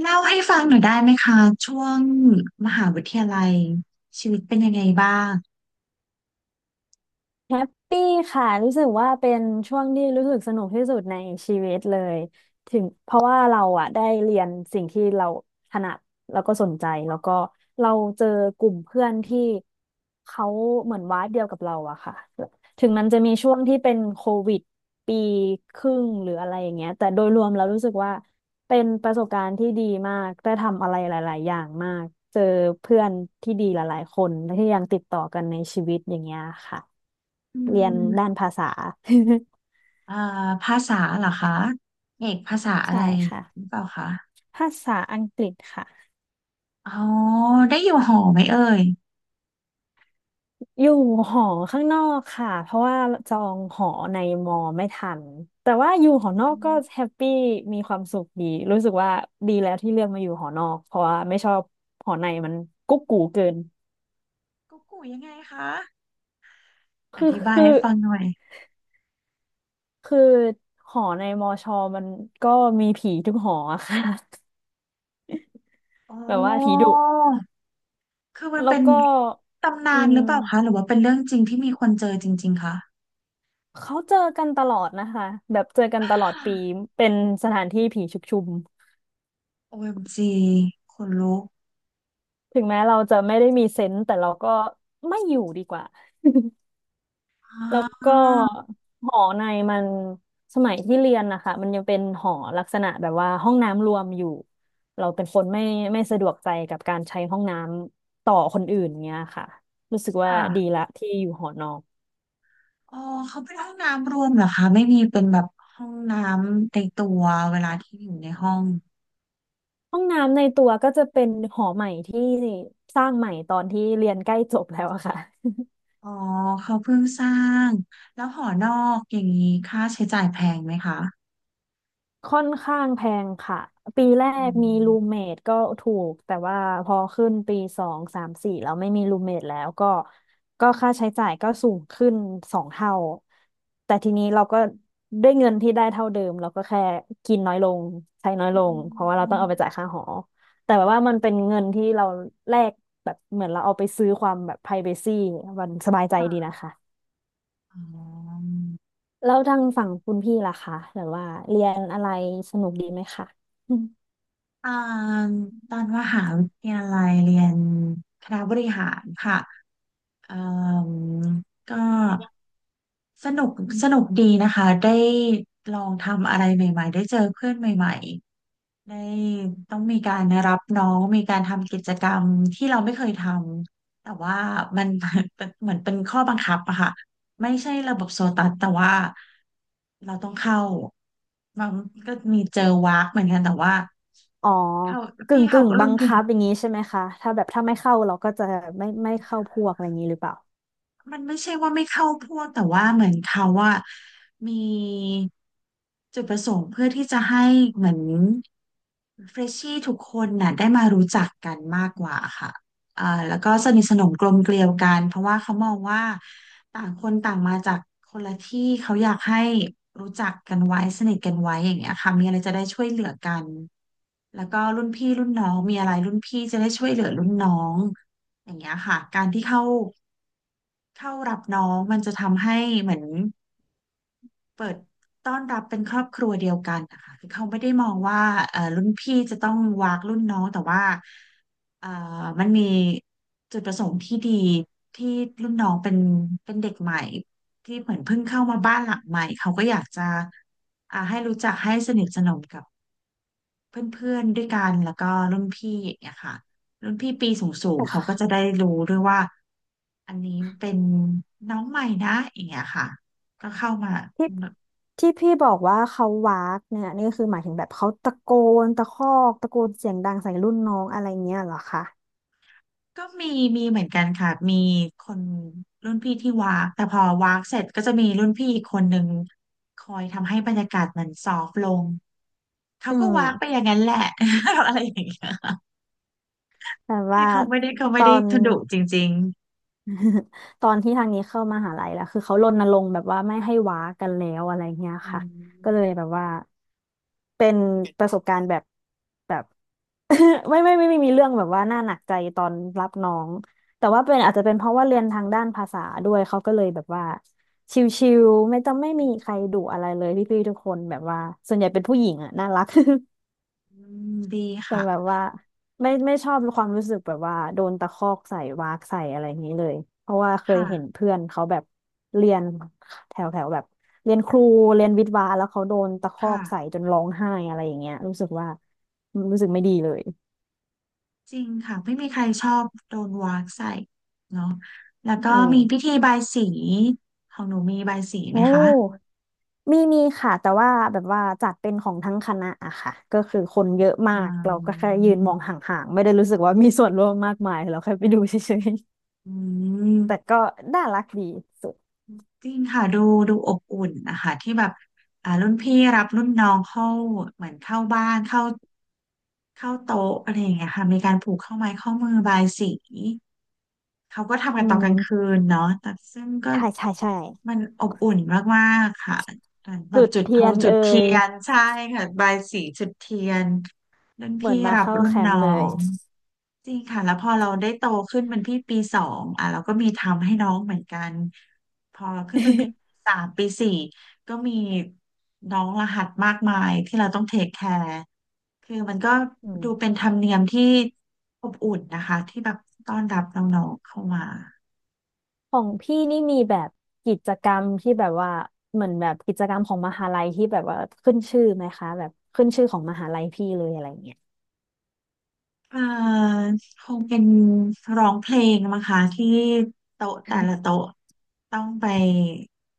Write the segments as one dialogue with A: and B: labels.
A: เล่าให้ฟังหน่อยได้ไหมคะช่วงมหาวิทยาลัยชีวิตเป็นยังไงบ้าง
B: แฮปปี้ค่ะรู้สึกว่าเป็นช่วงที่รู้สึกสนุกที่สุดในชีวิตเลยถึงเพราะว่าเราอะได้เรียนสิ่งที่เราถนัดแล้วก็สนใจแล้วก็เราเจอกลุ่มเพื่อนที่เขาเหมือนวาดเดียวกับเราอะค่ะถึงมันจะมีช่วงที่เป็นโควิดปีครึ่งหรืออะไรอย่างเงี้ยแต่โดยรวมเรารู้สึกว่าเป็นประสบการณ์ที่ดีมากได้ทำอะไรหลายๆอย่างมากเจอเพื่อนที่ดีหลายๆคนและที่ยังติดต่อกันในชีวิตอย่างเงี้ยค่ะ
A: อื
B: เรียนด้า
A: ม
B: นภาษา
A: เอ่อภาษาเหรอคะเอกภาษา อะไร
B: ใช่ค่ะ
A: หรือเปล่าคะ
B: ภาษาอังกฤษค่ะ
A: อ๋อได้อยู่หอไหมเอ่ย
B: อยู่หอข้างนอกค่ะเพราะว่าจองหอในมอไม่ทันแต่ว่าอยู่
A: อ
B: หอนอก
A: ื
B: ก็
A: ม
B: แฮปปี้มีความสุขดีรู้สึกว่าดีแล้วที่เลือกมาอยู่หอนอกเพราะว่าไม่ชอบหอในมันกุ๊กกูเกิน
A: กู๊กกูยังไงคะอ
B: คือ
A: ธิบาย
B: คื
A: ให้
B: อ
A: ฟังหน่อย
B: คือหอในมอชอมันก็มีผีทุกหออะค่ะ
A: อ๋
B: แบบว่าผี
A: อ
B: ดุ
A: คือมัน
B: แล้
A: เป็
B: ว
A: น
B: ก็
A: ตำ
B: อื
A: นานหรือเปล่าคะหรื
B: ม
A: อว่าเป็นเรื่องจริงที่มีคนเจอจริงๆคะ
B: เขาเจอกันตลอดนะคะแบบเจอกันตลอดปีเป็นสถานที่ผีชุกชุม
A: OMG คนลุก
B: ถึงแม้เราจะไม่ได้มีเซนส์แต่เราก็ไม่อยู่ดีกว่า
A: อ
B: แล้วก็หอในมันสมัยที่เรียนนะคะมันยังเป็นหอลักษณะแบบว่าห้องน้ำรวมอยู่เราเป็นคนไม่สะดวกใจกับการใช้ห้องน้ำต่อคนอื่นเนี้ยค่ะรู้สึกว่าดี
A: ่า
B: ละที่อยู่หอนอก
A: อ๋อเขาเป็นห้องน้ำรวมเหรอคะไม่มีเป็นแบบห้องน้ำในตัวเวลาที่อยู่ในห้อง
B: ห้องน้ำในตัวก็จะเป็นหอใหม่ที่สร้างใหม่ตอนที่เรียนใกล้จบแล้วอะค่ะ
A: อ๋อเขาเพิ่งสร้างแล้วหอนอกอย่างนี้ค่าใช้จ่ายแพงไหมคะ
B: ค่อนข้างแพงค่ะปีแร
A: อ๋
B: กมีรูม
A: อ
B: เมทก็ถูกแต่ว่าพอขึ้นปีสองสามสี่แล้วไม่มีรูมเมทแล้วก็ค่าใช้จ่ายก็สูงขึ้นสองเท่าแต่ทีนี้เราก็ด้วยเงินที่ได้เท่าเดิมเราก็แค่กินน้อยลงใช้น้อย
A: อื
B: ลงเพราะว่าเราต้
A: ม
B: องเอาไปจ่ายค่าหอแต่แบบว่ามันเป็นเงินที่เราแลกแบบเหมือนเราเอาไปซื้อความแบบไ r i v a c y มันสบายใจดี
A: ค่ะ
B: นะคะ
A: อ๋อ
B: แล้วทางฝั่งคุณพี่ล่ะคะแบบว่าเรียนอะไรสนุกดีไหมคะ
A: อ่าตอนมหาวิทยาลัยเรียนคณะบริหารค่ะเอ่มก็สนุกดีนะคะได้ลองทำอะไรใหม่ๆได้เจอเพื่อนใหม่ๆ ในต้องมีการรับน้องมีการทำกิจกรรมที่เราไม่เคยทำแต่ว่ามัน เป็นเหมือนเป็นข้อบังคับอะค่ะไม่ใช่ระบบโซตัสแต่ว่าเราต้องเข้ามันก็มีเจอวากเหมือนกันแต่ว่า
B: อ๋อ
A: เขา
B: กึ่
A: พี่
B: ง
A: เขา
B: กึ่งบั
A: รุ่น
B: ง
A: พี่
B: คับอย่างนี้ใช่ไหมคะถ้าแบบถ้าไม่เข้าเราก็จะไม่เข้าพวกอะไรอย่างนี้หรือเปล่า
A: มันไม่ใช่ว่าไม่เข้าพวกแต่ว่าเหมือนเขาว่ามีจุดประสงค์เพื่อที่จะให้เหมือนเฟรชชี่ทุกคนน่ะได้มารู้จักกันมากกว่าค่ะอ่าแล้วก็สนิทสนมกลมเกลียวกันเพราะว่าเขามองว่าต่างคนต่างมาจากคนละที่เขาอยากให้รู้จักกันไว้สนิทกันไว้อย่างเงี้ยค่ะมีอะไรจะได้ช่วยเหลือกันแล้วก็รุ่นพี่รุ่นน้องมีอะไรรุ่นพี่จะได้ช่วยเหลือรุ่นน้องอย่างเงี้ยค่ะการที่เข้า เข้ารับน้องมันจะทำให้เหมือนเปิดต้อนรับเป็นครอบครัวเดียวกันนะคะคือเขาไม่ได้มองว่ารุ่นพี่จะต้องวากรุ่นน้องแต่ว่าเอ่อมันมีจุดประสงค์ที่ดีที่รุ่นน้องเป็นเป็นเด็กใหม่ที่เหมือนเพิ่งเข้ามาบ้านหลังใหม่เขาก็อยากจะอ่าให้รู้จักให้สนิทสนมกับเพื่อนๆด้วยกันแล้วก็รุ่นพี่อย่างเงี้ยค่ะรุ่นพี่ปีสูง
B: แต่
A: ๆเขา
B: ค่ะ
A: ก็จะได้รู้ด้วยว่า อันนี้มันเป็นน้องใหม่นะอย่างเงี้ยค่ะก็เข้ามา
B: ที่ที่พี่บอกว่าเขาวากเนี่ยนี่คือหมายถึงแบบเขาตะโกนตะคอกตะโกนเสียงดังใส่รุ่นน้องอะไรเงี้ยเหรอคะ
A: ก็มีเหมือนกันค่ะมีคนรุ่นพี่ที่วากแต่พอวากเสร็จก็จะมีรุ่นพี่อีกคนหนึ่งคอยทำให้บรรยากาศมันซอฟต์ลงเขา
B: อื
A: ก็
B: ม
A: วากไปอย่างนั้นแหละ อะไรอย่างเงี้ย
B: แต่
A: คือ
B: ว่า
A: เขาไม่ได้
B: ตอน
A: ทุดุจริง
B: ตอนที่ทางนี้เข้ามหาลัยแล้วคือเขารณรงค์แบบว่าไม่ให้ว้ากันแล้วอะไรเงี้ย
A: ๆอื
B: ค่ะ
A: ม
B: ก็เลยแบบว่าเป็นประสบการณ์แบบแบบ ไม่ไม่ไม่ไมมีเรื่องแบบว่าน่าหนักใจตอนรับน้องแต่ว่าเป็นอาจจะเป็นเพราะว่าเรียนทางด้านภาษาด้วยเขาก็เลยแบบว่าชิลๆไม่ต้องไม่มีใครดุอะไรเลยพี่ๆทุกคนแบบว่าส่วนใหญ่เป็นผู้หญิงอ่ะน่ารัก
A: อืมดี
B: แต่
A: ค่ะ
B: แบบว่าไม่ชอบความรู้สึกแบบว่าโดนตะคอกใส่วากใส่อะไรอย่างนี้เลยเพราะว่าเคยเห็น
A: ค่ะ
B: เพื่อนเขาแบบเรียนแถวแถวแบบเรียนครูเรียนวิทย์วะแล้วเขาโดนตะคอ
A: ค่ะ
B: กใส่จนร้องไห้อะไรอย่างเงี้ยรู้สึกว่ารู้สึกไม่ดีเลย
A: จริงค่ะไม่มีใครชอบโดนวากใส่เนาะแล้วก็
B: อืม
A: มีพิธีบายสีของหนูมีบายสีไหม
B: โอ้
A: คะ
B: มีค่ะแต่ว่าแบบว่าจัดเป็นของทั้งคณะอะค่ะก็คือคนเยอะมา
A: อ่
B: กเราก็
A: า
B: แค่ยืนมองห่างๆไม่ได้รู้สึกว่ามีส่วนร่วมมากมายเราแค่ไปดูเฉย
A: อื
B: ๆแต่
A: ม
B: ก็น่ารักดีสุด
A: จริงค่ะดูอบอุ่นนะคะที่แบบอ่ารุ่นพี่รับรุ่นน้องเข้าเหมือนเข้าบ้านเข้าโต๊ะอะไรอย่างเงี้ยค่ะมีการผูกข้อไม้ข้อมือบายสี เขาก็ทำกั
B: อื
A: นตอนกลางคื
B: ม
A: นเนาะแต่ซึ่งก็
B: ใช่ใช่ใช่
A: มันอบอุ่นมากๆค่ะ แบบ
B: จุด
A: จุดธ
B: เทีย
A: ง
B: น
A: จุด
B: เอ่
A: เที
B: ย
A: ยนใช่ค่ะบายสีจุดเทียนรุ่น
B: เหมือ
A: พี่
B: นมา
A: รับ
B: เข้า
A: รุ่น
B: แคม
A: น้อ
B: ป์เลย
A: ง จริงค่ะแล้วพอเราได้โตขึ้นเป็นพี่ปีสองอ่ะเราก็มีทำให้น้องเหมือนกันพอขึ้นเป็นพี่ปี สามปีสี่ก็มีน้องรหัสมากมายที่เราต้องเทคแคร์คือมันก็
B: อืม
A: ดูเป็นธรรมเนียมที่อบอุ่นนะคะที่แบบต้อนรับน้องๆเข้ามา
B: ของพี่นี่มีแบบกิจกรรมที่แบบว่าเหมือนแบบกิจกรรมของมหาลัยที่แบบว่าขึ้นชื่อไหมคะแบบขึ้นชื่อของมหาลัยพี่เลยอะไรเงี้ย
A: เอ่อคงเป็นร้องเพลงมั้งคะที่โต๊ะแต่ละโต๊ะต้องไป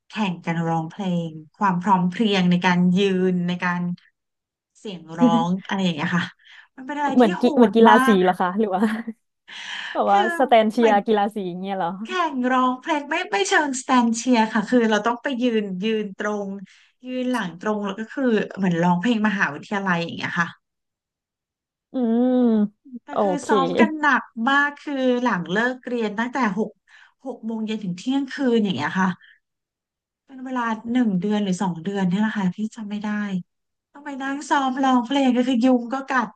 A: แข่งกันร้องเพลงความพร้อมเพรียงในการยืนในการเสียงร้อง อะไรอย่างเงี้ยค่ะมันเป็นอะไรที่โห
B: เหมือ
A: ด
B: นกีฬา
A: มา
B: สี
A: ก
B: เหรอคะหรือว่า แบบ
A: คือ
B: ว่าสแตน
A: เห
B: เชี
A: มื
B: ย
A: อน
B: ร์กีฬาสีอย่างเงี้ยเหรอ
A: แข่งร้องเพลงไม่เชิงสแตนเชียร์ค่ะคือเราต้องไปยืนตรงยืนหลังตรงแล้วก็คือเหมือนร้องเพลงมหาวิทยาลัยอย่างเงี้ยค่ะ
B: อืม
A: แต่
B: โอ
A: คือ
B: เค
A: ซ้อมกันหนักมากคือหลังเลิกเรียนตั้งแต่หกโมงเย็นถึงเที่ยงคืนอย่างเงี้ยค่ะ เป็นเวลาหนึ่งเดือนหรือสองเดือนเนี่ยแหละค่ะพี่จำไม่ได้ต้องไปนั่งซ้อมร้องเพลงก็คือยุงก็กัด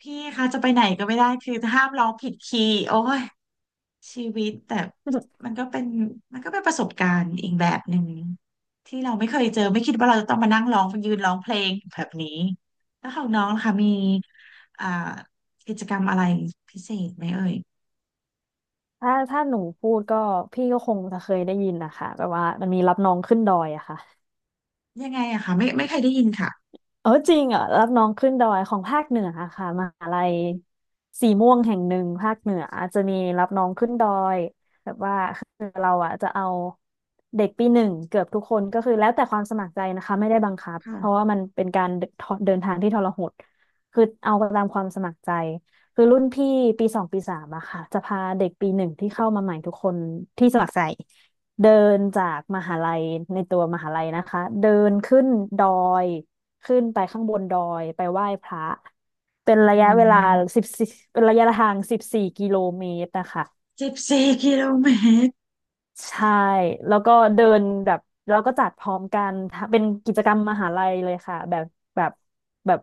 A: พี่คะจะไปไหนก็ไม่ได้คือห้ามร้องผิดคีย์โอ้ยชีวิตแต่มันก็เป็นประสบการณ์อีกแบบหนึ่งที่เราไม่เคยเจอไม่คิดว่าเราจะต้องมานั่งร้องยืนร้องเพลงแบบนี้แล้วของน้องล่ะคะมีอ่ากิจกรรมอะไรพิเศษไหมเอ่ย
B: ถ้าหนูพูดก็พี่ก็คงจะเคยได้ยินนะคะแบบว่ามันมีรับน้องขึ้นดอยอะค่ะ
A: ยังไงอะคะไม่เคยได้ยินค่ะ
B: เออจริงเหรอะรับน้องขึ้นดอยของภาคเหนืออะค่ะมหาลัยสีม่วงแห่งหนึ่งภาคเหนือจะมีรับน้องขึ้นดอยแบบว่าคือเราอ่ะจะเอาเด็กปีหนึ่งเกือบทุกคนก็คือแล้วแต่ความสมัครใจนะคะไม่ได้บังคับเพราะ
A: ค่ะ
B: ว่ามันเป็นการเดินเดินทางที่ทรหดคือเอาตามความสมัครใจคือรุ่นพี่ปีสองปีสามอะค่ะจะพาเด็กปีหนึ่งที่เข้ามาใหม่ทุกคนที่สมัครใจเดินจากมหาลัยในตัวมหาลัยนะคะเดินขึ้นดอย ขึ้นไปข้างบนดอยไปไหว้พระเป็นระ
A: อื
B: ยะเวลา
A: ม
B: สิบสี่เป็นระยะทาง14 กิโลเมตรนะคะ
A: 14 กิโลเมตร
B: ใช่แล้วก็เดินแบบเราก็จัดพร้อมกันเป็นกิจกรรมมหาลัยเลยค่ะแบบแบบ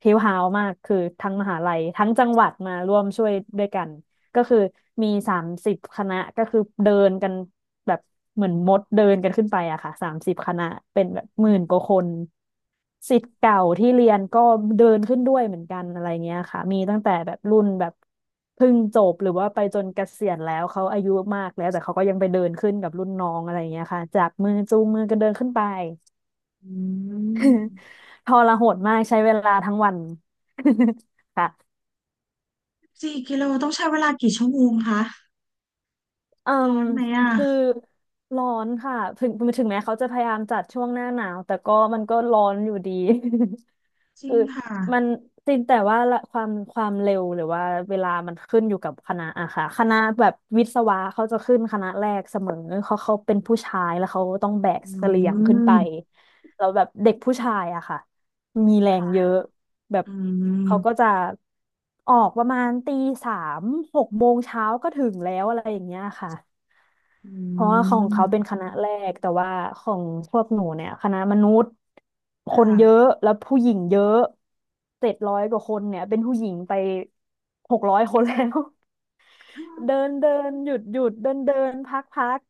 B: เฮลฮาวมากคือทั้งมหาลัยทั้งจังหวัดมาร่วมช่วยด้วยกัน ก็คือมี30 คณะก็คือเดินกันแบบเหมือนมดเดินกันขึ้นไปอะค่ะสามสิบคณะเป็นแบบ10,000 กว่าคนศิษย์เก่าที่เรียนก็เดินขึ้นด้วยเหมือนกันอะไรเงี้ยค่ะมีตั้งแต่แบบรุ่นแบบเพิ่งจบหรือว่าไปจนเกษียณแล้วเขาอายุมากแล้วแต่เขาก็ยังไปเดินขึ้นกับรุ่นน้องอะไรเงี้ยค่ะจากมือจูงมือกันเดินขึ้นไป
A: อืม
B: ทรหดมากใช้เวลาทั้งวัน ค่ะ
A: สี่กิโลต้องใช้เวลากี่ชั่วโมงคะ
B: เอ่
A: ร้อ
B: ม
A: นไหมอ่ะ
B: คือร้อนค่ะถึงแม้เขาจะพยายามจัดช่วงหน้าหนาวแต่ก็มันก็ร้อนอยู่ดี
A: จ ริ
B: คื
A: ง
B: อ
A: ค่ะ
B: มันจริงแต่ว่าละความเร็วหรือว่าเวลามันขึ้นอยู่กับคณะอะค่ะคณะแบบวิศวะเขาจะขึ้นคณะแรกเสมอเขาเป็นผู้ชายแล้วเขาต้องแบก
A: อื
B: เสลี่ยงขึ้นไป
A: ม
B: แล้วแบบเด็กผู้ชายอะค่ะมีแรงเยอะแบบ
A: อื
B: เขาก็
A: ม
B: จะออกประมาณตี 36 โมงเช้าก็ถึงแล้วอะไรอย่างเงี้ยค่ะ
A: อื
B: เพราะว่าของเขาเป็นค
A: ม
B: ณะแรกแต่ว่าของพวกหนูเนี่ยคณะมนุษย์ค
A: ค
B: นเยอะ
A: ่ะ
B: แล้วผู้หญิงเยอะ700 กว่าคนเนี่ยเป็นผู้หญิงไป600 คนแล้ว เดินเดินหยุดหยุดเดินเดินพักพัก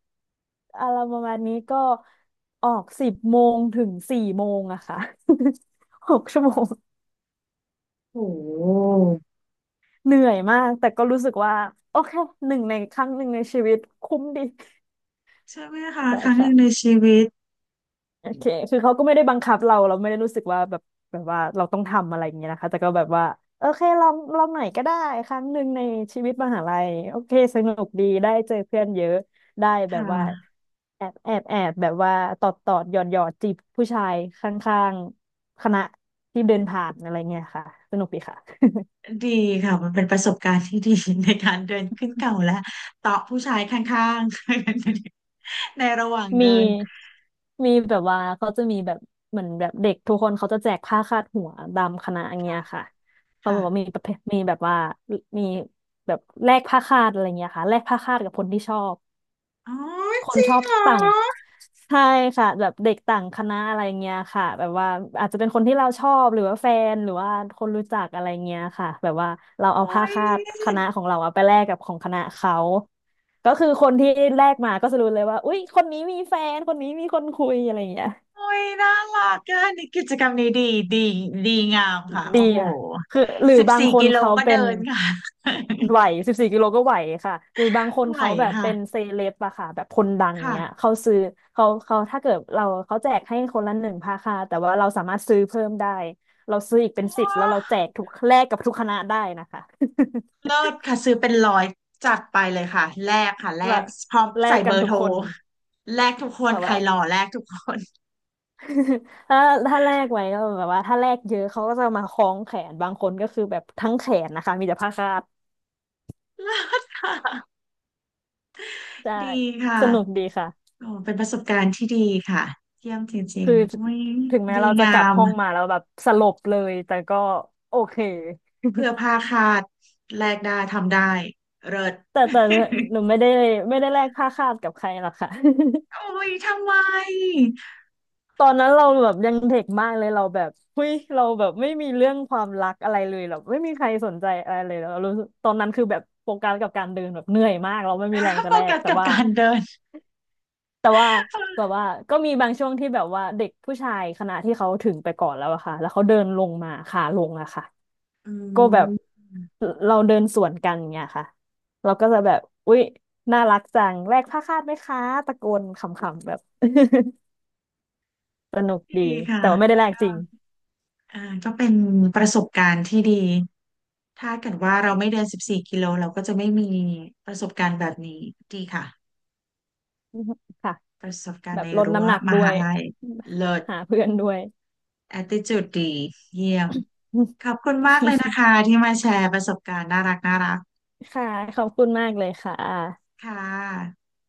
B: อะไรประมาณนี้ก็ออก10 โมงถึง4 โมงอะค่ะ 6 ชั่วโมง
A: โอ้โห
B: เหนื่อยมากแต่ก็รู้สึกว่าโอเคหนึ่งในครั้งหนึ่งในชีวิตคุ้มดี
A: ใช่ไหมคะ
B: ใช่
A: ครั้งหนึ่งใน
B: ค่ะ
A: ชีวิต
B: โอเคคือเขาก็ไม่ได้บังคับเราเราไม่ได้รู้สึกว่าแบบแบบว่าเราต้องทำอะไรอย่างเงี้ยนะคะแต่ก็แบบว่าโอเคลองหน่อยก็ได้ครั้งหนึ่งในชีวิตมหาลัยโอเคสนุกดีได้เจอเพื่อนเยอะได้
A: ค
B: แบบว่า
A: ่ะ
B: แอบแบบว่าตอดตอดหยอดหยอดจีบผู้ชายข้างๆคณะที่เดินผ่านอะไรเงี้ยค่ะสนุกดีค่ะ
A: ดีค่ะมันเป็นประสบการณ์ที่ดี ในการเดินขึ้นเขาและเตาะผู้ชายข้างๆ ในระหว่างเดิ
B: มี
A: น
B: มีแบบว่าเขาจะมีแบบเหมือนแบบเด็กทุกคนเขาจะแจกผ้าคาดหัวตามคณะอย่างเงี้ยค่ะเขาบอกว่ามี
A: ค่ะ
B: ประเภทมีแบบว่ามีแบบแลกผ้าคาดอะไรเงี้ยค่ะแลกผ้าคาดกับคนที่ชอบ
A: อ๋อ
B: ค
A: จ
B: น
A: ริ
B: ช
A: ง
B: อบ
A: เหรอ
B: ต่างใช่ค่ะแบบเด็กต่างคณะอะไรเงี้ยค่ะแบบว่าอาจจะเป็นคนที่เราชอบหรือว่าแฟนหรือว่าคนรู้จักอะไรเงี้ยค่ะแบบว่าเราเอา
A: โอ้
B: ผ้าคาดคณะ
A: ย
B: ของเราอะไปแลกกับของคณะเขาก็คือคนที่แลกมาก็จะรู้เลยว่าอุ๊ยคนนี้มีแฟนคนนี้มีคนคุยอะไรเงี้ย
A: โอ้ยน่ารักเกันกิจกรรมนี้ดีดีดีงามค่ะ
B: ดี
A: โอ้โห
B: อะคือหรือ
A: สิบ
B: บาง
A: สี่
B: คน
A: กิโล
B: เขา
A: ก็
B: เป็
A: เดิ
B: น
A: นค่ะ
B: ไหว14 กิโลก็ไหวค่ะหรือบางคน
A: ไหว
B: เขาแบบ
A: ค่ะ
B: เป็นเซเลบอะค่ะแบบคนดัง
A: ค่ะ
B: เนี้ยเขาซื้อเขาถ้าเกิดเราเขาแจกให้คนละหนึ่งผ้าค่ะแต่ว่าเราสามารถซื้อเพิ่มได้เราซื้ออีกเป็นสิบ
A: ว้า
B: แล้วเราแจกทุกแลกกับทุกคณะได้นะคะ
A: เลิศค่ะซื้อเป็นร้อยจัดไปเลยค่ะแลกค่ะแล
B: ละ
A: กพร้อม
B: แล
A: ใส่
B: ก
A: เบ
B: กัน
A: อร์
B: ทุ
A: โท
B: ก
A: ร
B: คน
A: แลกทุกคน
B: แบบ
A: ใคร
B: ว่า
A: หล่อแลกทุกคน
B: ถ้าถ้าแลกไว้ก็แบบว่าถ้าแลกเยอะเขาก็จะมาคล้องแขนบางคนก็คือแบบทั้งแขนนะคะมีแต่ผ้าคาด
A: เลิศค่ะ
B: ใช่
A: ดีค่ะ
B: สนุกดีค่ะ
A: โอ้เป็นประสบการณ์ที่ดีค่ะเยี่ยมจริง
B: คือ
A: ๆอุ้ย
B: ถึงแม้
A: ดี
B: เราจะ
A: งา
B: กลับ
A: ม
B: ห้องมาแล้วแบบสลบเลยแต่ก็โอเค
A: เพื่อผ้าคาดแลกได้ทำได้เลิศ
B: แต่หนูไม่ได้แลกผ้าคาดกับใครหรอกค่ะ
A: โอ้ยทำไม
B: ตอนนั้นเราแบบยังเด็กมากเลยเราแบบเฮ้ยเราแบบไม่มีเรื่องความรักอะไรเลยแบบไม่มีใครสนใจอะไรเลยเรารู้สึกตอนนั้นคือแบบโฟกัสกับการเดินแบบเหนื่อยมากเราไม่มีแรง จะ
A: โฟ
B: แล
A: กั
B: ก
A: ส
B: แต่
A: กับ
B: ว่า
A: การเดิน
B: แต่ว่าแบบว่าก็มีบางช่วงที่แบบว่าเด็กผู้ชายคณะที่เขาถึงไปก่อนแล้วอะค่ะแล้วเขาเดินลงมาขาลงอะค่ะ
A: อื
B: ก็แบบ
A: ม
B: เราเดินสวนกันอย่างเงี้ยค่ะเราก็จะแบบอุ๊ยน่ารักจังแลกผ้าคาดไหมคะตะโกนขำๆแบบ สนุก
A: ดี
B: ดี
A: ค่ะ
B: แต่ว่าไม่ได้แลก
A: ก็
B: จริง
A: อ่าก็เป็นประสบการณ์ที่ดีถ้าเกิดว่าเราไม่เดินสิบสี่กิโลเราก็จะไม่มีประสบการณ์แบบนี้ดีค่ะ
B: ค่ะ
A: ประสบการ
B: แบ
A: ณ์
B: บ
A: ใน
B: ลด
A: รั้ว
B: น้ำหนัก
A: ม
B: ด้ว
A: หา
B: ย
A: ลัยเลิศ
B: หาเพื่อนด้วย
A: attitude ดีเยี่ยมขอบคุณมากเลยนะ คะที่มาแชร์ประสบการณ์น่ารักน่ารัก
B: ค่ะขอบคุณมากเลยค่ะ
A: ค่ะ